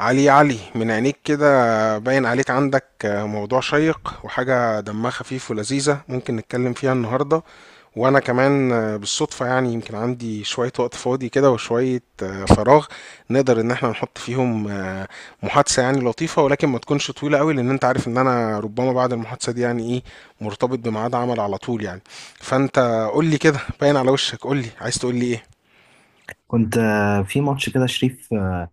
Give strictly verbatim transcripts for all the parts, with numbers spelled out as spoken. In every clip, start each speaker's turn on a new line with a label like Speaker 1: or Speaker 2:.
Speaker 1: علي، يا علي، من عينيك كده باين عليك عندك آه، موضوع شيق وحاجة دمها خفيف ولذيذة، ممكن نتكلم فيها النهاردة. وأنا كمان آه، بالصدفة يعني يمكن عندي شوية وقت فاضي كده، وشوية آه، فراغ نقدر إن احنا نحط فيهم آه، محادثة يعني لطيفة، ولكن ما تكونش طويلة قوي، لأن أنت عارف إن أنا ربما بعد المحادثة دي يعني إيه، مرتبط بميعاد عمل على طول يعني. فأنت قول لي كده، باين على وشك، قول لي عايز تقول لي إيه؟
Speaker 2: كنت آه، في ماتش كده شريف، آه،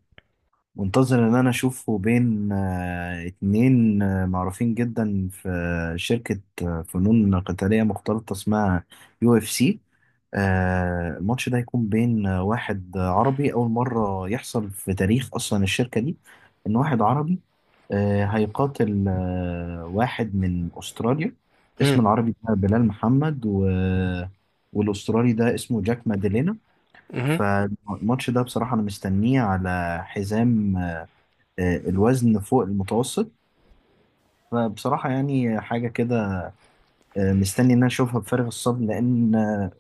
Speaker 2: منتظر ان انا اشوفه بين آه، اتنين آه، معروفين جدا في آه، شركة آه، فنون قتالية مختلطة اسمها يو اف سي. آه، الماتش ده هيكون بين آه، واحد آه، عربي، اول مرة يحصل في تاريخ اصلا الشركة دي ان واحد عربي آه، هيقاتل آه، واحد من استراليا. اسم العربي ده بلال محمد و... آه، والاسترالي ده اسمه جاك ماديلينا. فالماتش ده بصراحة أنا مستنيه على حزام آه، الوزن فوق المتوسط. فبصراحة يعني حاجة كده، آه، مستني إن أنا أشوفها بفارغ الصبر، لأن آه،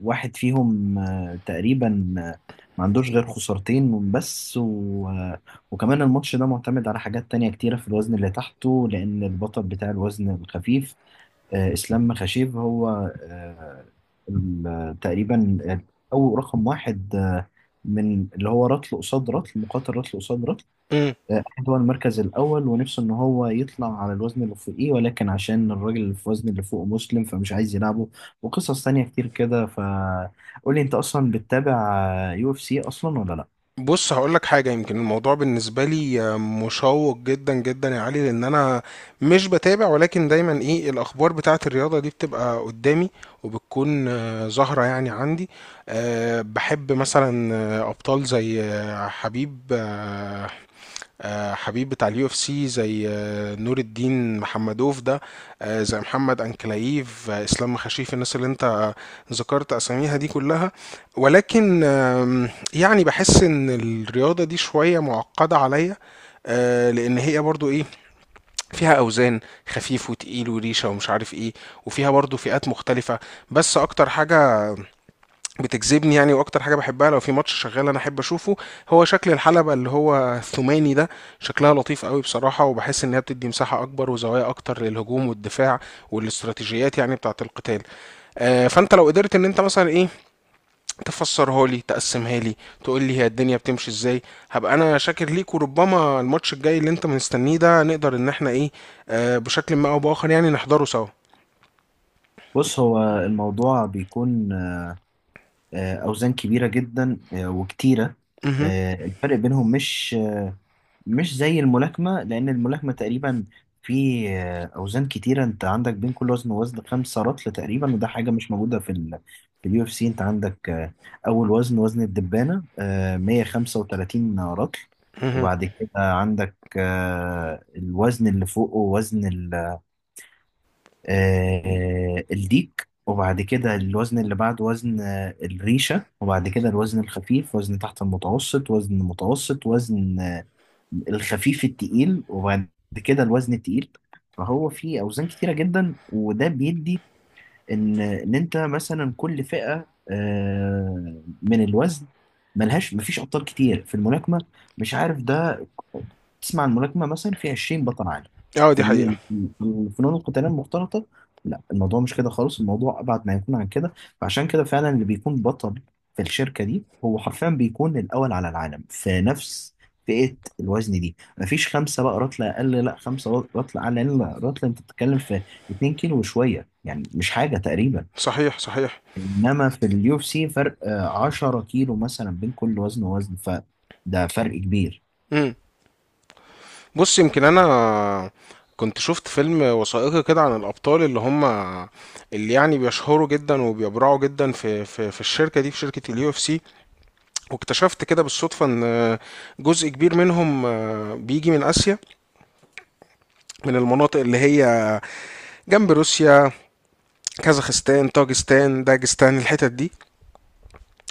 Speaker 2: واحد فيهم آه، تقريبا آه، ما عندوش غير خسارتين من بس و... آه، وكمان الماتش ده معتمد على حاجات تانية كتيرة في الوزن اللي تحته، لأن البطل بتاع الوزن الخفيف آه، اسلام مخاشيف هو آه، ال- تقريبا او رقم واحد آه، من اللي هو رطل قصاد رطل مقاتل رطل قصاد رطل.
Speaker 1: امم.
Speaker 2: آه، احمد هو المركز الاول ونفسه ان هو يطلع على الوزن اللي فوقيه، ولكن عشان الراجل اللي في الوزن اللي فوقه مسلم فمش عايز يلعبه، وقصص تانية كتير كده. فقول لي انت اصلا بتتابع يو اف سي اصلا ولا لا؟
Speaker 1: بص هقولك حاجة، يمكن الموضوع بالنسبة لي آه، مشوق جدا جدا يا علي، لأن أنا مش بتابع، ولكن دايما إيه الأخبار بتاعة الرياضة دي بتبقى قدامي، وبتكون آه، ظاهرة يعني عندي. آه، بحب مثلا آه، أبطال زي آه، حبيب آه، آه، حبيب بتاع اليو اف سي، زي آه، نور الدين محمدوف ده، آه، زي محمد انكلايف، آه، اسلام مخاشيف، الناس اللي انت آه، ذكرت اساميها دي كلها. ولكن آم، يعني بحس ان الرياضة دي شوية معقدة عليا، آه، لان هي برضو ايه، فيها اوزان، خفيف وتقيل وريشه ومش عارف ايه، وفيها برضو فئات مختلفه. بس اكتر حاجه بتجذبني يعني، واكتر حاجه بحبها لو في ماتش شغال انا احب اشوفه، هو شكل الحلبه اللي هو الثماني ده. شكلها لطيف قوي بصراحه، وبحس انها بتدي مساحه اكبر وزوايا اكتر للهجوم والدفاع والاستراتيجيات يعني بتاعه القتال. آه، فانت لو قدرت ان انت مثلا ايه، تفسرها لي، تقسمها لي، تقول لي هي الدنيا بتمشي ازاي، هبقى انا شاكر ليك. وربما الماتش الجاي اللي انت مستنيه ده نقدر ان احنا ايه، آه، بشكل ما او باخر يعني نحضره سوا.
Speaker 2: بص، هو الموضوع بيكون آه، اوزان كبيرة جدا آه، وكتيرة.
Speaker 1: مهم.
Speaker 2: آه، الفرق بينهم مش مش زي الملاكمة، لأن الملاكمة تقريبا في آه، أوزان كتيرة، أنت عندك بين كل وزن ووزن خمسة رطل تقريبا، وده حاجة مش موجودة في ال في اليو اف سي. أنت عندك آه، أول وزن وزن الدبانة، آه، مية وخمسة وتلاتين رطل.
Speaker 1: مهم.
Speaker 2: وبعد كده عندك آه، الوزن اللي فوقه وزن ال- آه، الديك. وبعد كده الوزن اللي بعد وزن آه، الريشة. وبعد كده الوزن الخفيف، وزن تحت المتوسط، وزن متوسط، وزن الخفيف التقيل، وبعد كده الوزن التقيل. فهو فيه أوزان كتيرة جدا، وده بيدي ان ان انت مثلا كل فئه آه، من الوزن ملهاش، مفيش ابطال كتير في الملاكمه. مش عارف ده، تسمع عن الملاكمه مثلا في عشرين بطل عالم.
Speaker 1: اه،
Speaker 2: في
Speaker 1: دي حقيقه.
Speaker 2: ال- الفنون القتاليه المختلطه لا، الموضوع مش كده خالص، الموضوع ابعد ما يكون عن كده. فعشان كده فعلا اللي بيكون بطل في الشركه دي هو حرفيا بيكون الاول على العالم في نفس فئه الوزن دي. مفيش خمسه بقى رطله اقل لا خمسه رطله اعلى، لأن الرطله انت بتتكلم في اتنين كيلو وشويه، يعني مش حاجة تقريبا.
Speaker 1: صحيح، صحيح.
Speaker 2: انما في اليو اف سي فرق آه، عشرة كيلو مثلا بين كل وزن ووزن، فده فرق كبير.
Speaker 1: مم. بص يمكن انا كنت شفت فيلم وثائقي كده عن الابطال اللي هم، اللي يعني بيشهروا جدا وبيبرعوا جدا في في في الشركه دي، في شركه اليو اف سي. واكتشفت كده بالصدفه ان جزء كبير منهم بيجي من اسيا، من المناطق اللي هي جنب روسيا، كازاخستان، طاجستان، داجستان، الحتت دي.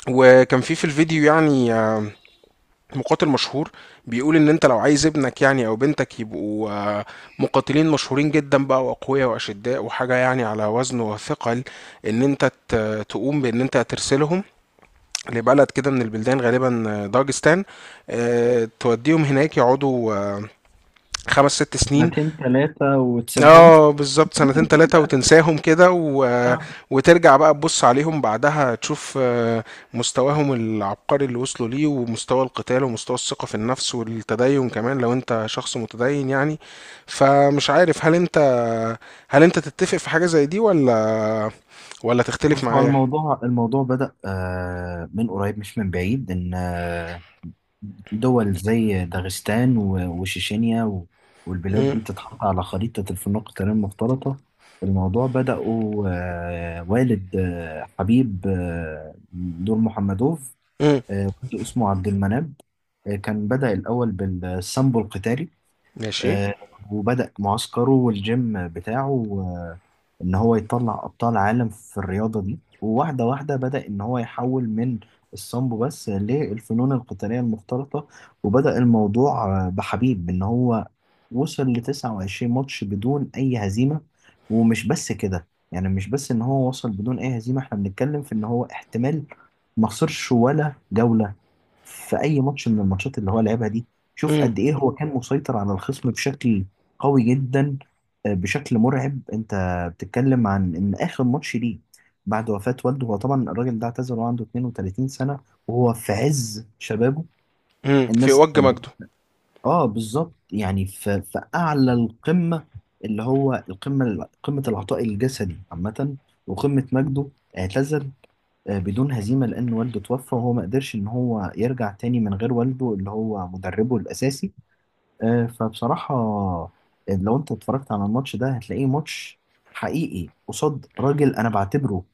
Speaker 1: وكان في في الفيديو يعني مقاتل مشهور بيقول ان انت لو عايز ابنك يعني او بنتك يبقوا آه، مقاتلين مشهورين جدا بقى واقوياء واشداء وحاجه يعني على وزن وثقل، ان انت ت- تقوم بان انت ترسلهم لبلد كده من البلدان، غالبا آه، داغستان. آه، توديهم هناك يقعدوا آه، خمس ست سنين.
Speaker 2: سنتين ثلاثة وتسيبهم.
Speaker 1: اه بالظبط، سنتين تلاتة وتنساهم كده و...
Speaker 2: آه،
Speaker 1: وترجع بقى تبص عليهم بعدها تشوف آه، مستواهم العبقري اللي وصلوا ليه، ومستوى القتال ومستوى الثقة في النفس والتدين كمان لو انت شخص متدين يعني. فمش عارف هل انت هل انت تتفق في حاجة زي دي ولا ولا تختلف
Speaker 2: بص، هو
Speaker 1: معايا؟
Speaker 2: الموضوع الموضوع بدأ آه، من قريب مش من بعيد، إن آه، دول زي داغستان و- وشيشينيا و- والبلاد
Speaker 1: امم.
Speaker 2: دي تتحط على خريطة الفنون القتالية المختلطة. الموضوع بدأوا آه، والد آه، حبيب آه، دور محمدوف
Speaker 1: امم.
Speaker 2: آه، كنت اسمه عبد المناب. آه، كان بدأ الأول بالسامبو القتالي.
Speaker 1: ماشي.
Speaker 2: آه، وبدأ معسكره والجيم بتاعه آه، إن هو يطلع أبطال عالم في الرياضة دي، وواحدة واحدة بدأ إن هو يحول من السامبو بس للفنون القتالية المختلطة. وبدأ الموضوع آه، بحبيب إن هو وصل ل تسعة وعشرين ماتش بدون أي هزيمة. ومش بس كده، يعني مش بس إن هو وصل بدون أي هزيمة، إحنا بنتكلم في إن هو احتمال ما خسرش ولا جولة في أي ماتش من الماتشات اللي هو لعبها دي. شوف
Speaker 1: امم.
Speaker 2: قد إيه هو كان مسيطر على الخصم بشكل قوي جدا، آه، بشكل مرعب. أنت بتتكلم عن إن آخر ماتش ليه بعد وفاة والده، هو طبعا الراجل ده اعتزل وهو عنده اثنين وثلاثين سنة، وهو في عز شبابه.
Speaker 1: امم. في
Speaker 2: الناس
Speaker 1: وجه
Speaker 2: كانت
Speaker 1: مجده.
Speaker 2: بت- اه، بالظبط، يعني في في أعلى القمة، اللي هو القمة، قمة العطاء الجسدي عامة، وقمة مجده. اعتزل آه، بدون هزيمة، لأن والده توفى وهو ما قدرش إن هو يرجع تاني من غير والده اللي هو مدربه الأساسي. آه، فبصراحة آه، لو أنت اتفرجت على الماتش ده هتلاقيه ماتش حقيقي قصاد راجل أنا بعتبره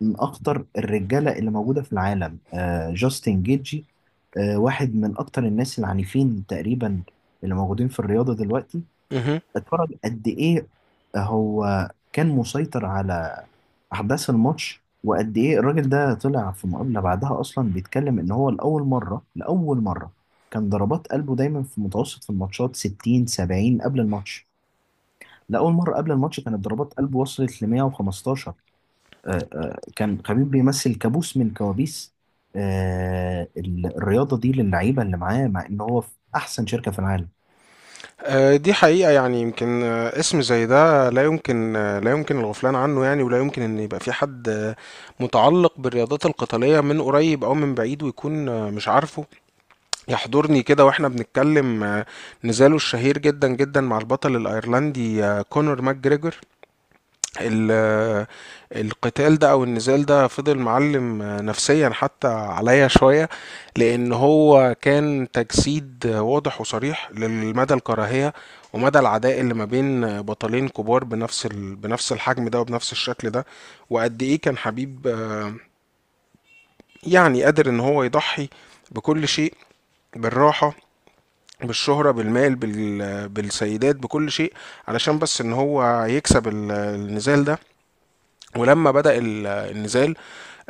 Speaker 2: من أخطر الرجالة اللي موجودة في العالم، آه، جاستن جيتجي. آه، واحد من أكتر الناس العنيفين تقريبا اللي موجودين في الرياضة دلوقتي. اتفرج قد ايه هو كان مسيطر على احداث الماتش، وقد ايه الراجل ده طلع في مقابله بعدها اصلا بيتكلم ان هو لاول مره لاول مره كان ضربات قلبه دايما في متوسط في الماتشات ستين سبعين قبل الماتش. لاول مره قبل الماتش كانت ضربات قلبه وصلت ل مية وخمستاشر. آه، آه، كان خبيب بيمثل كابوس من كوابيس آه، ال- الرياضه دي للعيبه اللي معاه، مع ان هو في احسن شركه في العالم.
Speaker 1: آه، دي حقيقة يعني، يمكن آه، اسم زي ده لا يمكن آه، لا يمكن الغفلان عنه يعني، ولا يمكن ان يبقى في حد آه، متعلق بالرياضات القتالية من قريب او من بعيد، ويكون آه، مش عارفه. يحضرني كده واحنا بنتكلم آه، نزاله الشهير جدا جدا مع البطل الايرلندي آه، كونور ماجريجور. ال- القتال ده او النزال ده فضل معلم نفسيا حتى عليا شوية، لان هو كان تجسيد واضح وصريح لمدى الكراهية ومدى العداء اللي ما بين بطلين كبار بنفس ال... بنفس الحجم ده وبنفس الشكل ده. وقد ايه كان حبيب آه، يعني قادر ان هو يضحي بكل شيء، بالراحة، بالشهرة، بالمال، بال... بالسيدات، بكل شيء، علشان بس ان هو يكسب ال- النزال ده. ولما بدأ ال- النزال،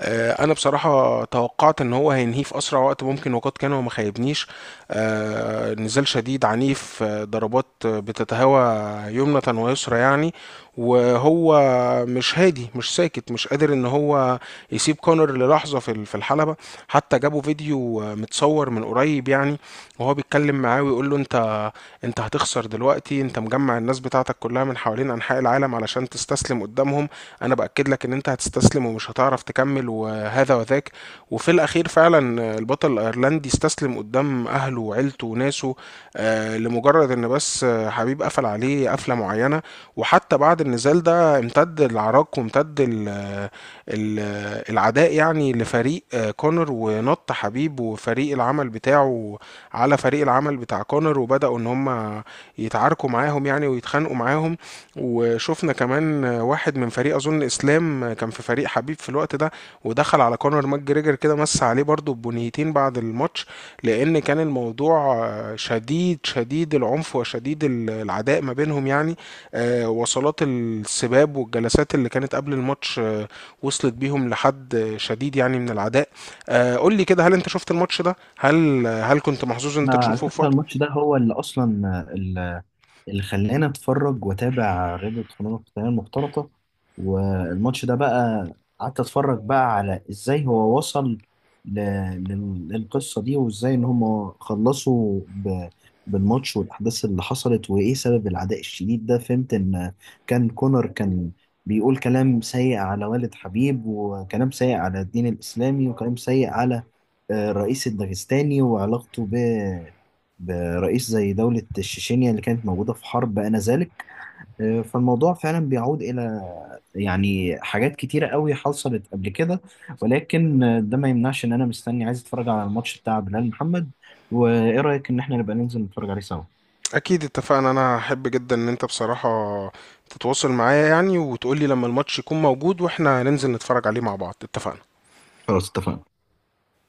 Speaker 1: آه، انا بصراحه توقعت ان هو هينهيه في اسرع وقت ممكن، وقد كان وما خيبنيش. آه، نزال شديد عنيف، آه، ضربات آه، بتتهوى يمنة ويسرى يعني، وهو مش هادي، مش ساكت، مش قادر ان هو يسيب كونر للحظه في ال- في الحلبه. حتى جابوا فيديو آه، متصور من قريب يعني، وهو بيتكلم معاه ويقول له: انت انت هتخسر دلوقتي، انت مجمع الناس بتاعتك كلها من حوالين انحاء العالم علشان تستسلم قدامهم، انا باكد لك ان انت هتستسلم ومش هتعرف تكمل، وهذا وذاك. وفي الاخير فعلا البطل الايرلندي استسلم قدام اهله وعيلته وناسه، آه، لمجرد ان بس آه، حبيب قفل عليه قفله معينه. وحتى بعد النزال ده امتد العراك، وامتد ال ال العداء يعني لفريق آه، كونر، ونط حبيب وفريق العمل بتاعه على فريق العمل بتاع كونر، وبداوا ان هم يتعاركوا معاهم يعني، ويتخانقوا معاهم. وشفنا كمان واحد من فريق، اظن اسلام كان في فريق حبيب في الوقت ده، ودخل على كونر ماج جريجر كده مس عليه برضو بنيتين بعد الماتش، لان كان الموضوع شديد شديد العنف وشديد العداء ما بينهم يعني. آه، وصلات السباب والجلسات اللي كانت قبل الماتش آه، وصلت بيهم لحد شديد يعني من العداء. آه، قول لي كده، هل انت شفت الماتش ده، هل هل كنت محظوظ ان
Speaker 2: انا
Speaker 1: انت
Speaker 2: على
Speaker 1: تشوفه في
Speaker 2: فكره
Speaker 1: وقت؟
Speaker 2: الماتش ده هو اللي اصلا اللي خلاني اتفرج واتابع رياضة فنون القتالية المختلطة. والماتش ده بقى قعدت اتفرج بقى على ازاي هو وصل ل- لل- للقصة دي، وازاي ان هم خلصوا ب- بالماتش، والاحداث اللي حصلت، وايه سبب العداء الشديد ده. فهمت ان كان كونر كان بيقول كلام سيء على والد حبيب، وكلام سيء على الدين الاسلامي، وكلام سيء على آه، الرئيس الداغستاني وعلاقته ب رئيس زي دولة الشيشينيا اللي كانت موجودة في حرب آنذاك. آه، فالموضوع فعلا بيعود إلى يعني حاجات كتيرة قوي حصلت قبل كده، ولكن آه، ده ما يمنعش إن أنا مستني عايز أتفرج على الماتش بتاع بلال محمد. وإيه رأيك إن إحنا نبقى ننزل نتفرج عليه سوا؟
Speaker 1: اكيد اتفقنا، انا هحب جدا ان انت بصراحة تتواصل معايا يعني، وتقولي لما الماتش يكون موجود واحنا ننزل نتفرج عليه مع بعض. اتفقنا.
Speaker 2: خلاص اتفقنا.